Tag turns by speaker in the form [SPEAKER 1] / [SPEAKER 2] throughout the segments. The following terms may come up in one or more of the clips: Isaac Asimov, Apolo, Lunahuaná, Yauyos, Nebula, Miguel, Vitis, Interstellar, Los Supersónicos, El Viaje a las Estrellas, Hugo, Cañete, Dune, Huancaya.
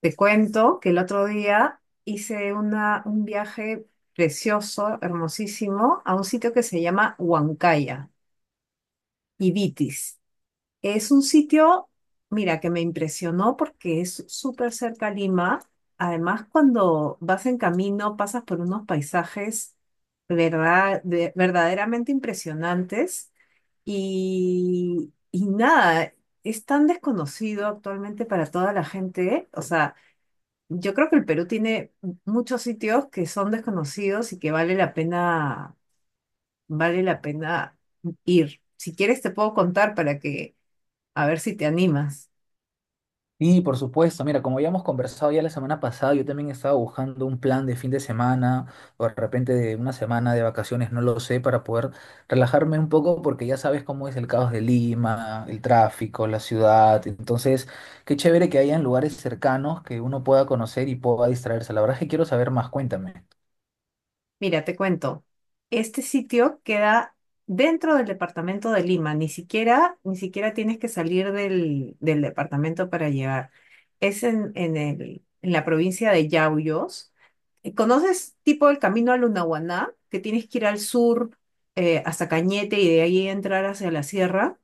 [SPEAKER 1] Te cuento que el otro día hice un viaje precioso, hermosísimo, a un sitio que se llama Huancaya, Ibitis. Es un sitio, mira, que me impresionó porque es súper cerca a Lima. Además, cuando vas en camino, pasas por unos paisajes verdaderamente impresionantes. Y nada, es tan desconocido actualmente para toda la gente. O sea, yo creo que el Perú tiene muchos sitios que son desconocidos y que vale la pena ir. Si quieres te puedo contar para que, a ver si te animas.
[SPEAKER 2] Y por supuesto, mira, como ya hemos conversado ya la semana pasada, yo también estaba buscando un plan de fin de semana o de repente de una semana de vacaciones, no lo sé, para poder relajarme un poco porque ya sabes cómo es el caos de Lima, el tráfico, la ciudad. Entonces, qué chévere que hayan lugares cercanos que uno pueda conocer y pueda distraerse. La verdad es que quiero saber más, cuéntame.
[SPEAKER 1] Mira, te cuento. Este sitio queda dentro del departamento de Lima. Ni siquiera tienes que salir del departamento para llegar. Es en la provincia de Yauyos. ¿Conoces tipo el camino a Lunahuaná? Que tienes que ir al sur hasta Cañete y de ahí entrar hacia la sierra.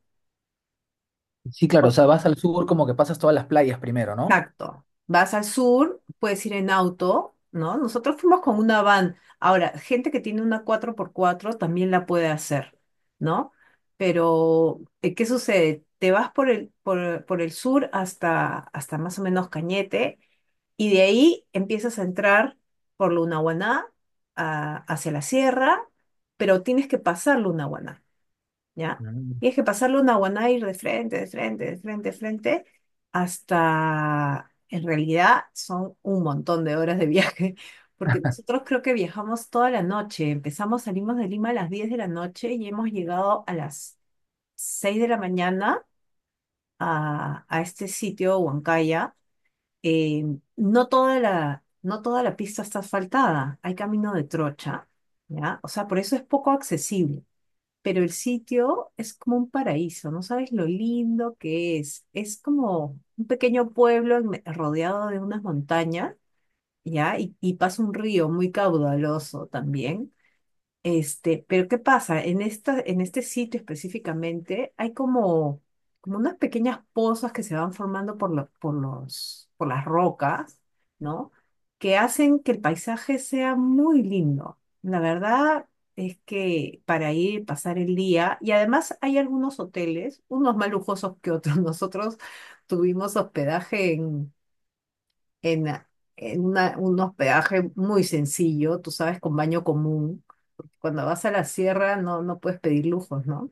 [SPEAKER 2] Sí, claro, o sea, vas al sur como que pasas todas las playas primero, ¿no?
[SPEAKER 1] Exacto. Vas al sur, puedes ir en auto, ¿no? Nosotros fuimos con una van. Ahora, gente que tiene una cuatro por cuatro también la puede hacer, ¿no? Pero, ¿qué sucede? Te vas por el sur hasta más o menos Cañete, y de ahí empiezas a entrar por Lunahuaná hacia la sierra, pero tienes que pasar Lunahuaná, ¿ya?
[SPEAKER 2] Mm.
[SPEAKER 1] Tienes que pasar Lunahuaná y ir de frente, de frente, de frente, de frente, hasta, en realidad, son un montón de horas de viaje, porque nosotros creo que viajamos toda la noche. Empezamos, salimos de Lima a las 10 de la noche y hemos llegado a las 6 de la mañana a este sitio, Huancaya. eh, no toda la pista está asfaltada, hay camino de trocha, ¿ya? O sea, por eso es poco accesible, pero el sitio es como un paraíso, no sabes lo lindo que es. Es como un pequeño pueblo rodeado de unas montañas, ¿ya? Y pasa un río muy caudaloso también. Este, pero ¿qué pasa? En este sitio específicamente hay como unas pequeñas pozas que se van formando por las rocas, ¿no? Que hacen que el paisaje sea muy lindo. La verdad es que para ir, pasar el día, y además hay algunos hoteles, unos más lujosos que otros. Nosotros tuvimos hospedaje en, en un hospedaje muy sencillo, tú sabes, con baño común. Cuando vas a la sierra no puedes pedir lujos, ¿no?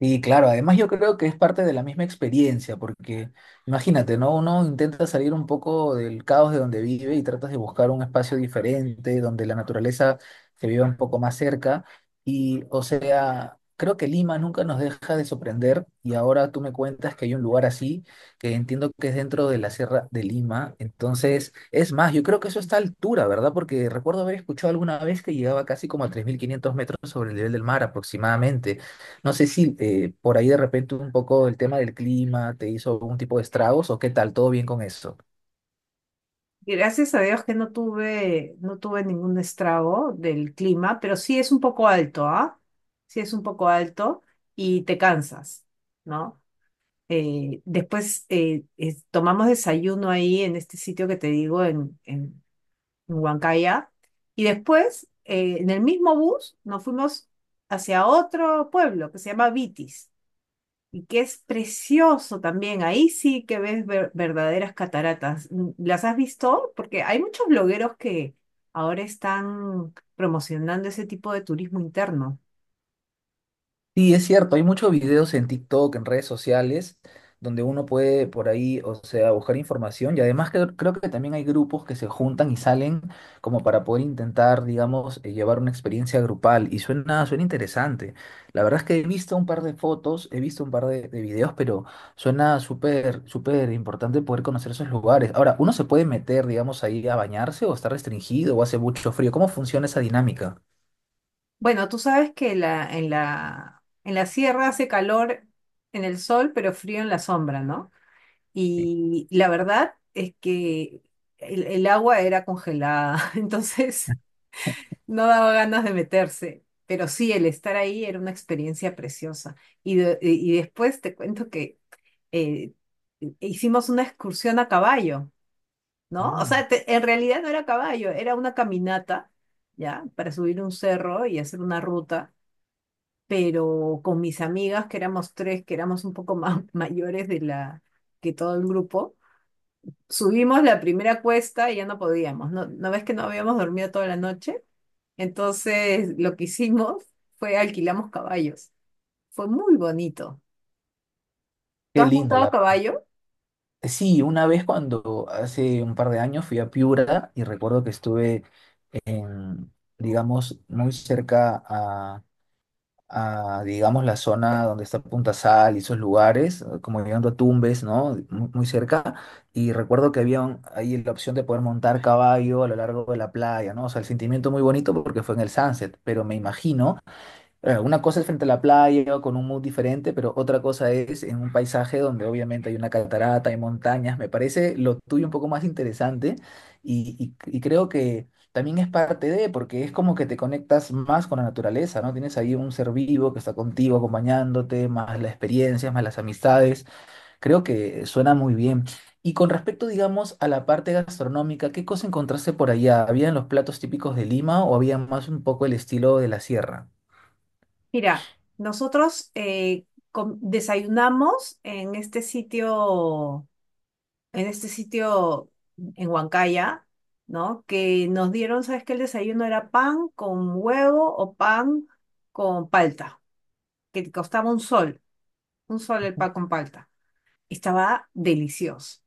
[SPEAKER 2] Sí, claro, además yo creo que es parte de la misma experiencia, porque imagínate, ¿no? Uno intenta salir un poco del caos de donde vive y tratas de buscar un espacio diferente, donde la naturaleza se viva un poco más cerca. Y, o sea, creo que Lima nunca nos deja de sorprender y ahora tú me cuentas que hay un lugar así, que entiendo que es dentro de la Sierra de Lima. Entonces, es más, yo creo que eso está a altura, ¿verdad? Porque recuerdo haber escuchado alguna vez que llegaba casi como a 3500 metros sobre el nivel del mar aproximadamente. No sé si por ahí de repente un poco el tema del clima te hizo algún tipo de estragos o qué tal, todo bien con eso.
[SPEAKER 1] Y gracias a Dios que no tuve ningún estrago del clima, pero sí es un poco alto, ¿ah? Sí es un poco alto y te cansas, ¿no? Después tomamos desayuno ahí en este sitio que te digo, en Huancaya, y después en el mismo bus nos fuimos hacia otro pueblo que se llama Vitis, y que es precioso también. Ahí sí que ves verdaderas cataratas. ¿Las has visto? Porque hay muchos blogueros que ahora están promocionando ese tipo de turismo interno.
[SPEAKER 2] Sí, es cierto, hay muchos videos en TikTok, en redes sociales, donde uno puede por ahí, o sea, buscar información y además que creo que también hay grupos que se juntan y salen como para poder intentar, digamos, llevar una experiencia grupal y suena, suena interesante. La verdad es que he visto un par de fotos, he visto un par de videos, pero suena súper, súper importante poder conocer esos lugares. Ahora, ¿uno se puede meter, digamos, ahí a bañarse o está restringido o hace mucho frío? ¿Cómo funciona esa dinámica?
[SPEAKER 1] Bueno, tú sabes que en la sierra hace calor en el sol, pero frío en la sombra, ¿no?
[SPEAKER 2] Sí.
[SPEAKER 1] Y la verdad es que el agua era congelada. Entonces, no daba ganas de meterse, pero sí, el estar ahí era una experiencia preciosa. Y después te cuento que eh, hicimos una excursión a caballo, ¿no? O
[SPEAKER 2] Mm.
[SPEAKER 1] sea, en realidad no era caballo, era una caminata, ¿ya? Para subir un cerro y hacer una ruta, pero con mis amigas, que éramos tres, que éramos un poco más mayores que todo el grupo, subimos la primera cuesta y ya no podíamos. ¿No, no ves que no habíamos dormido toda la noche? Entonces, lo que hicimos fue alquilamos caballos. Fue muy bonito. ¿Tú
[SPEAKER 2] Qué
[SPEAKER 1] has
[SPEAKER 2] linda
[SPEAKER 1] montado
[SPEAKER 2] la...
[SPEAKER 1] caballo?
[SPEAKER 2] Sí, una vez cuando hace un par de años fui a Piura y recuerdo que estuve en, digamos, muy cerca a, digamos, la zona donde está Punta Sal y esos lugares, como llegando a Tumbes, ¿no? Muy, muy cerca. Y recuerdo que había ahí la opción de poder montar caballo a lo largo de la playa, ¿no? O sea, el sentimiento muy bonito porque fue en el sunset, pero me imagino una cosa es frente a la playa o con un mood diferente, pero otra cosa es en un paisaje donde obviamente hay una catarata, hay montañas. Me parece lo tuyo un poco más interesante y, y creo que también es parte de, porque es como que te conectas más con la naturaleza, ¿no? Tienes ahí un ser vivo que está contigo, acompañándote, más las experiencias, más las amistades. Creo que suena muy bien. Y con respecto, digamos, a la parte gastronómica, ¿qué cosa encontraste por allá? ¿Habían los platos típicos de Lima o había más un poco el estilo de la sierra?
[SPEAKER 1] Mira, nosotros desayunamos en este sitio en Huancaya, ¿no? Que nos dieron, ¿sabes qué? El desayuno era pan con huevo o pan con palta, que costaba 1 sol, 1 sol el pan con palta. Estaba delicioso,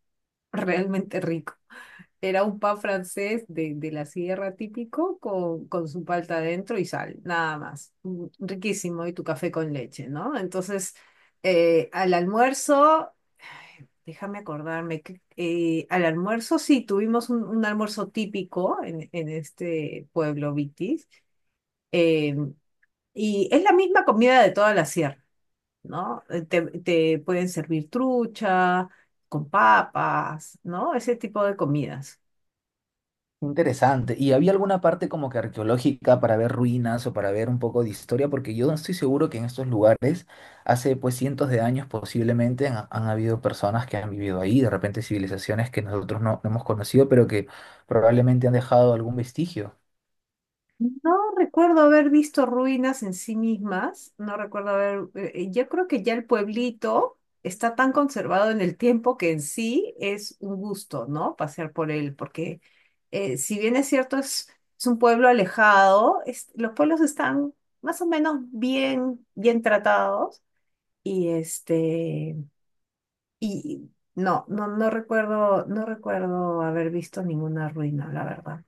[SPEAKER 1] realmente rico. Era un pan francés de la sierra típico con su palta adentro y sal, nada más. Riquísimo, y tu café con leche, ¿no? Entonces, al almuerzo, ay, déjame acordarme, que, al almuerzo sí, tuvimos un almuerzo típico en este pueblo Vitis, eh, y es la misma comida de toda la sierra, ¿no? Te pueden servir trucha con papas, ¿no? Ese tipo de comidas.
[SPEAKER 2] Interesante. ¿Y había alguna parte como que arqueológica para ver ruinas o para ver un poco de historia? Porque yo estoy seguro que en estos lugares, hace pues cientos de años posiblemente, han habido personas que han vivido ahí, de repente civilizaciones que nosotros no hemos conocido, pero que probablemente han dejado algún vestigio.
[SPEAKER 1] No recuerdo haber visto ruinas en sí mismas, no recuerdo haber, yo creo que ya el pueblito está tan conservado en el tiempo que en sí es un gusto, ¿no? Pasear por él, porque si bien es cierto, es un pueblo alejado, los pueblos están más o menos bien tratados. Y este, y no recuerdo haber visto ninguna ruina, la verdad.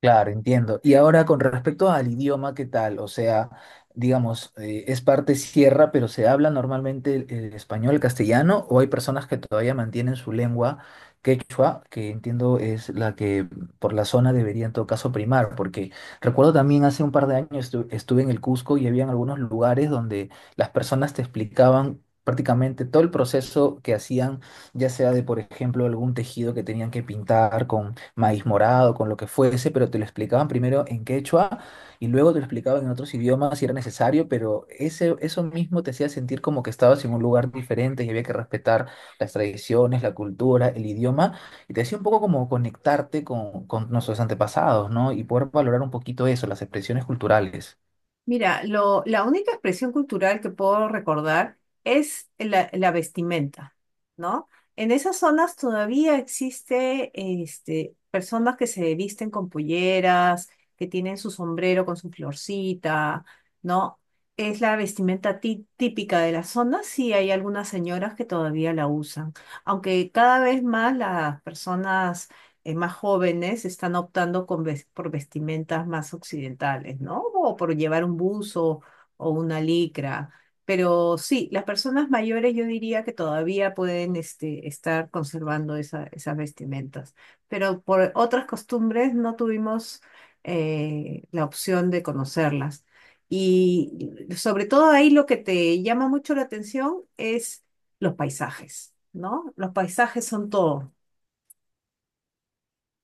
[SPEAKER 2] Claro, entiendo. Y ahora con respecto al idioma, ¿qué tal? O sea, digamos, es parte sierra, pero ¿se habla normalmente el español, el castellano, o hay personas que todavía mantienen su lengua quechua, que entiendo es la que por la zona debería en todo caso primar? Porque recuerdo también hace un par de años estuve en el Cusco y había algunos lugares donde las personas te explicaban prácticamente todo el proceso que hacían, ya sea de, por ejemplo, algún tejido que tenían que pintar maíz morado, con lo que fuese, pero te lo explicaban primero en quechua y luego te lo explicaban en otros idiomas si era necesario, pero ese, eso mismo te hacía sentir como que estabas en un lugar diferente y había que respetar las tradiciones, la cultura, el idioma, y te hacía un poco como conectarte con nuestros antepasados, ¿no? Y poder valorar un poquito eso, las expresiones culturales.
[SPEAKER 1] Mira, la única expresión cultural que puedo recordar es la vestimenta, ¿no? En esas zonas todavía existe, este, personas que se visten con polleras, que tienen su sombrero con su florcita, ¿no? Es la vestimenta típica de la zona, sí hay algunas señoras que todavía la usan, aunque cada vez más las personas más jóvenes están optando por vestimentas más occidentales, ¿no? O por llevar un buzo o una licra. Pero sí, las personas mayores yo diría que todavía pueden este, estar conservando esas vestimentas. Pero por otras costumbres no tuvimos la opción de conocerlas. Y sobre todo ahí lo que te llama mucho la atención es los paisajes, ¿no? Los paisajes son todo.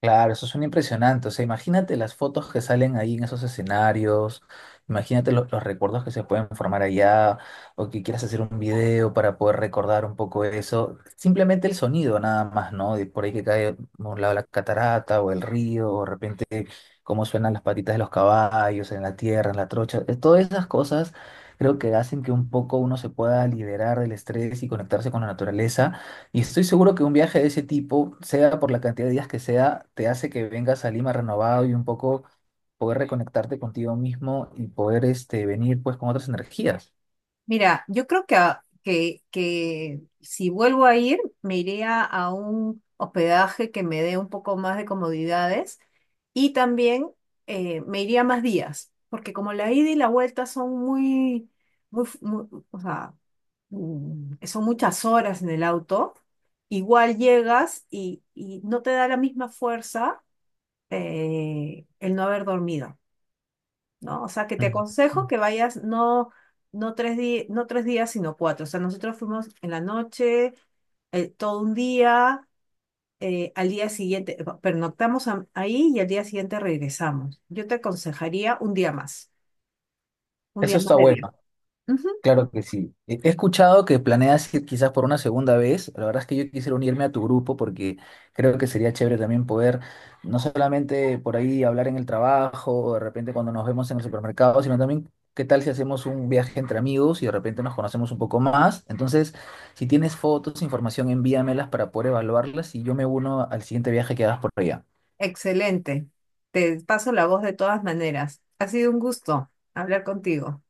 [SPEAKER 2] Claro, eso suena impresionante. O sea, imagínate las fotos que salen ahí en esos escenarios, imagínate los recuerdos que se pueden formar allá, o que quieras hacer un video para poder recordar un poco eso. Simplemente el sonido nada más, ¿no? De por ahí que cae a un lado la catarata o el río, o de repente cómo suenan las patitas de los caballos en la tierra, en la trocha. Todas esas cosas creo que hacen que un poco uno se pueda liberar del estrés y conectarse con la naturaleza. Y estoy seguro que un viaje de ese tipo, sea por la cantidad de días que sea, te hace que vengas a Lima renovado y un poco poder reconectarte contigo mismo y poder este, venir pues con otras energías.
[SPEAKER 1] Mira, yo creo que si vuelvo a ir, me iría a un hospedaje que me dé un poco más de comodidades, y también me iría más días, porque como la ida y la vuelta son o sea, son muchas horas en el auto, igual llegas y no te da la misma fuerza el no haber dormido, ¿no? O sea, que te
[SPEAKER 2] Mm.
[SPEAKER 1] aconsejo que vayas no tres días, sino cuatro. O sea, nosotros fuimos en la noche, todo un día, al día siguiente, pernoctamos ahí y al día siguiente regresamos. Yo te aconsejaría un
[SPEAKER 2] Eso
[SPEAKER 1] día más
[SPEAKER 2] está
[SPEAKER 1] de viaje.
[SPEAKER 2] bueno.
[SPEAKER 1] Ujú.
[SPEAKER 2] Claro que sí. He escuchado que planeas ir quizás por una segunda vez. La verdad es que yo quisiera unirme a tu grupo porque creo que sería chévere también poder no solamente por ahí hablar en el trabajo o de repente cuando nos vemos en el supermercado, sino también qué tal si hacemos un viaje entre amigos y de repente nos conocemos un poco más. Entonces, si tienes fotos, información, envíamelas para poder evaluarlas y yo me uno al siguiente viaje que hagas por allá.
[SPEAKER 1] Excelente. Te paso la voz de todas maneras. Ha sido un gusto hablar contigo.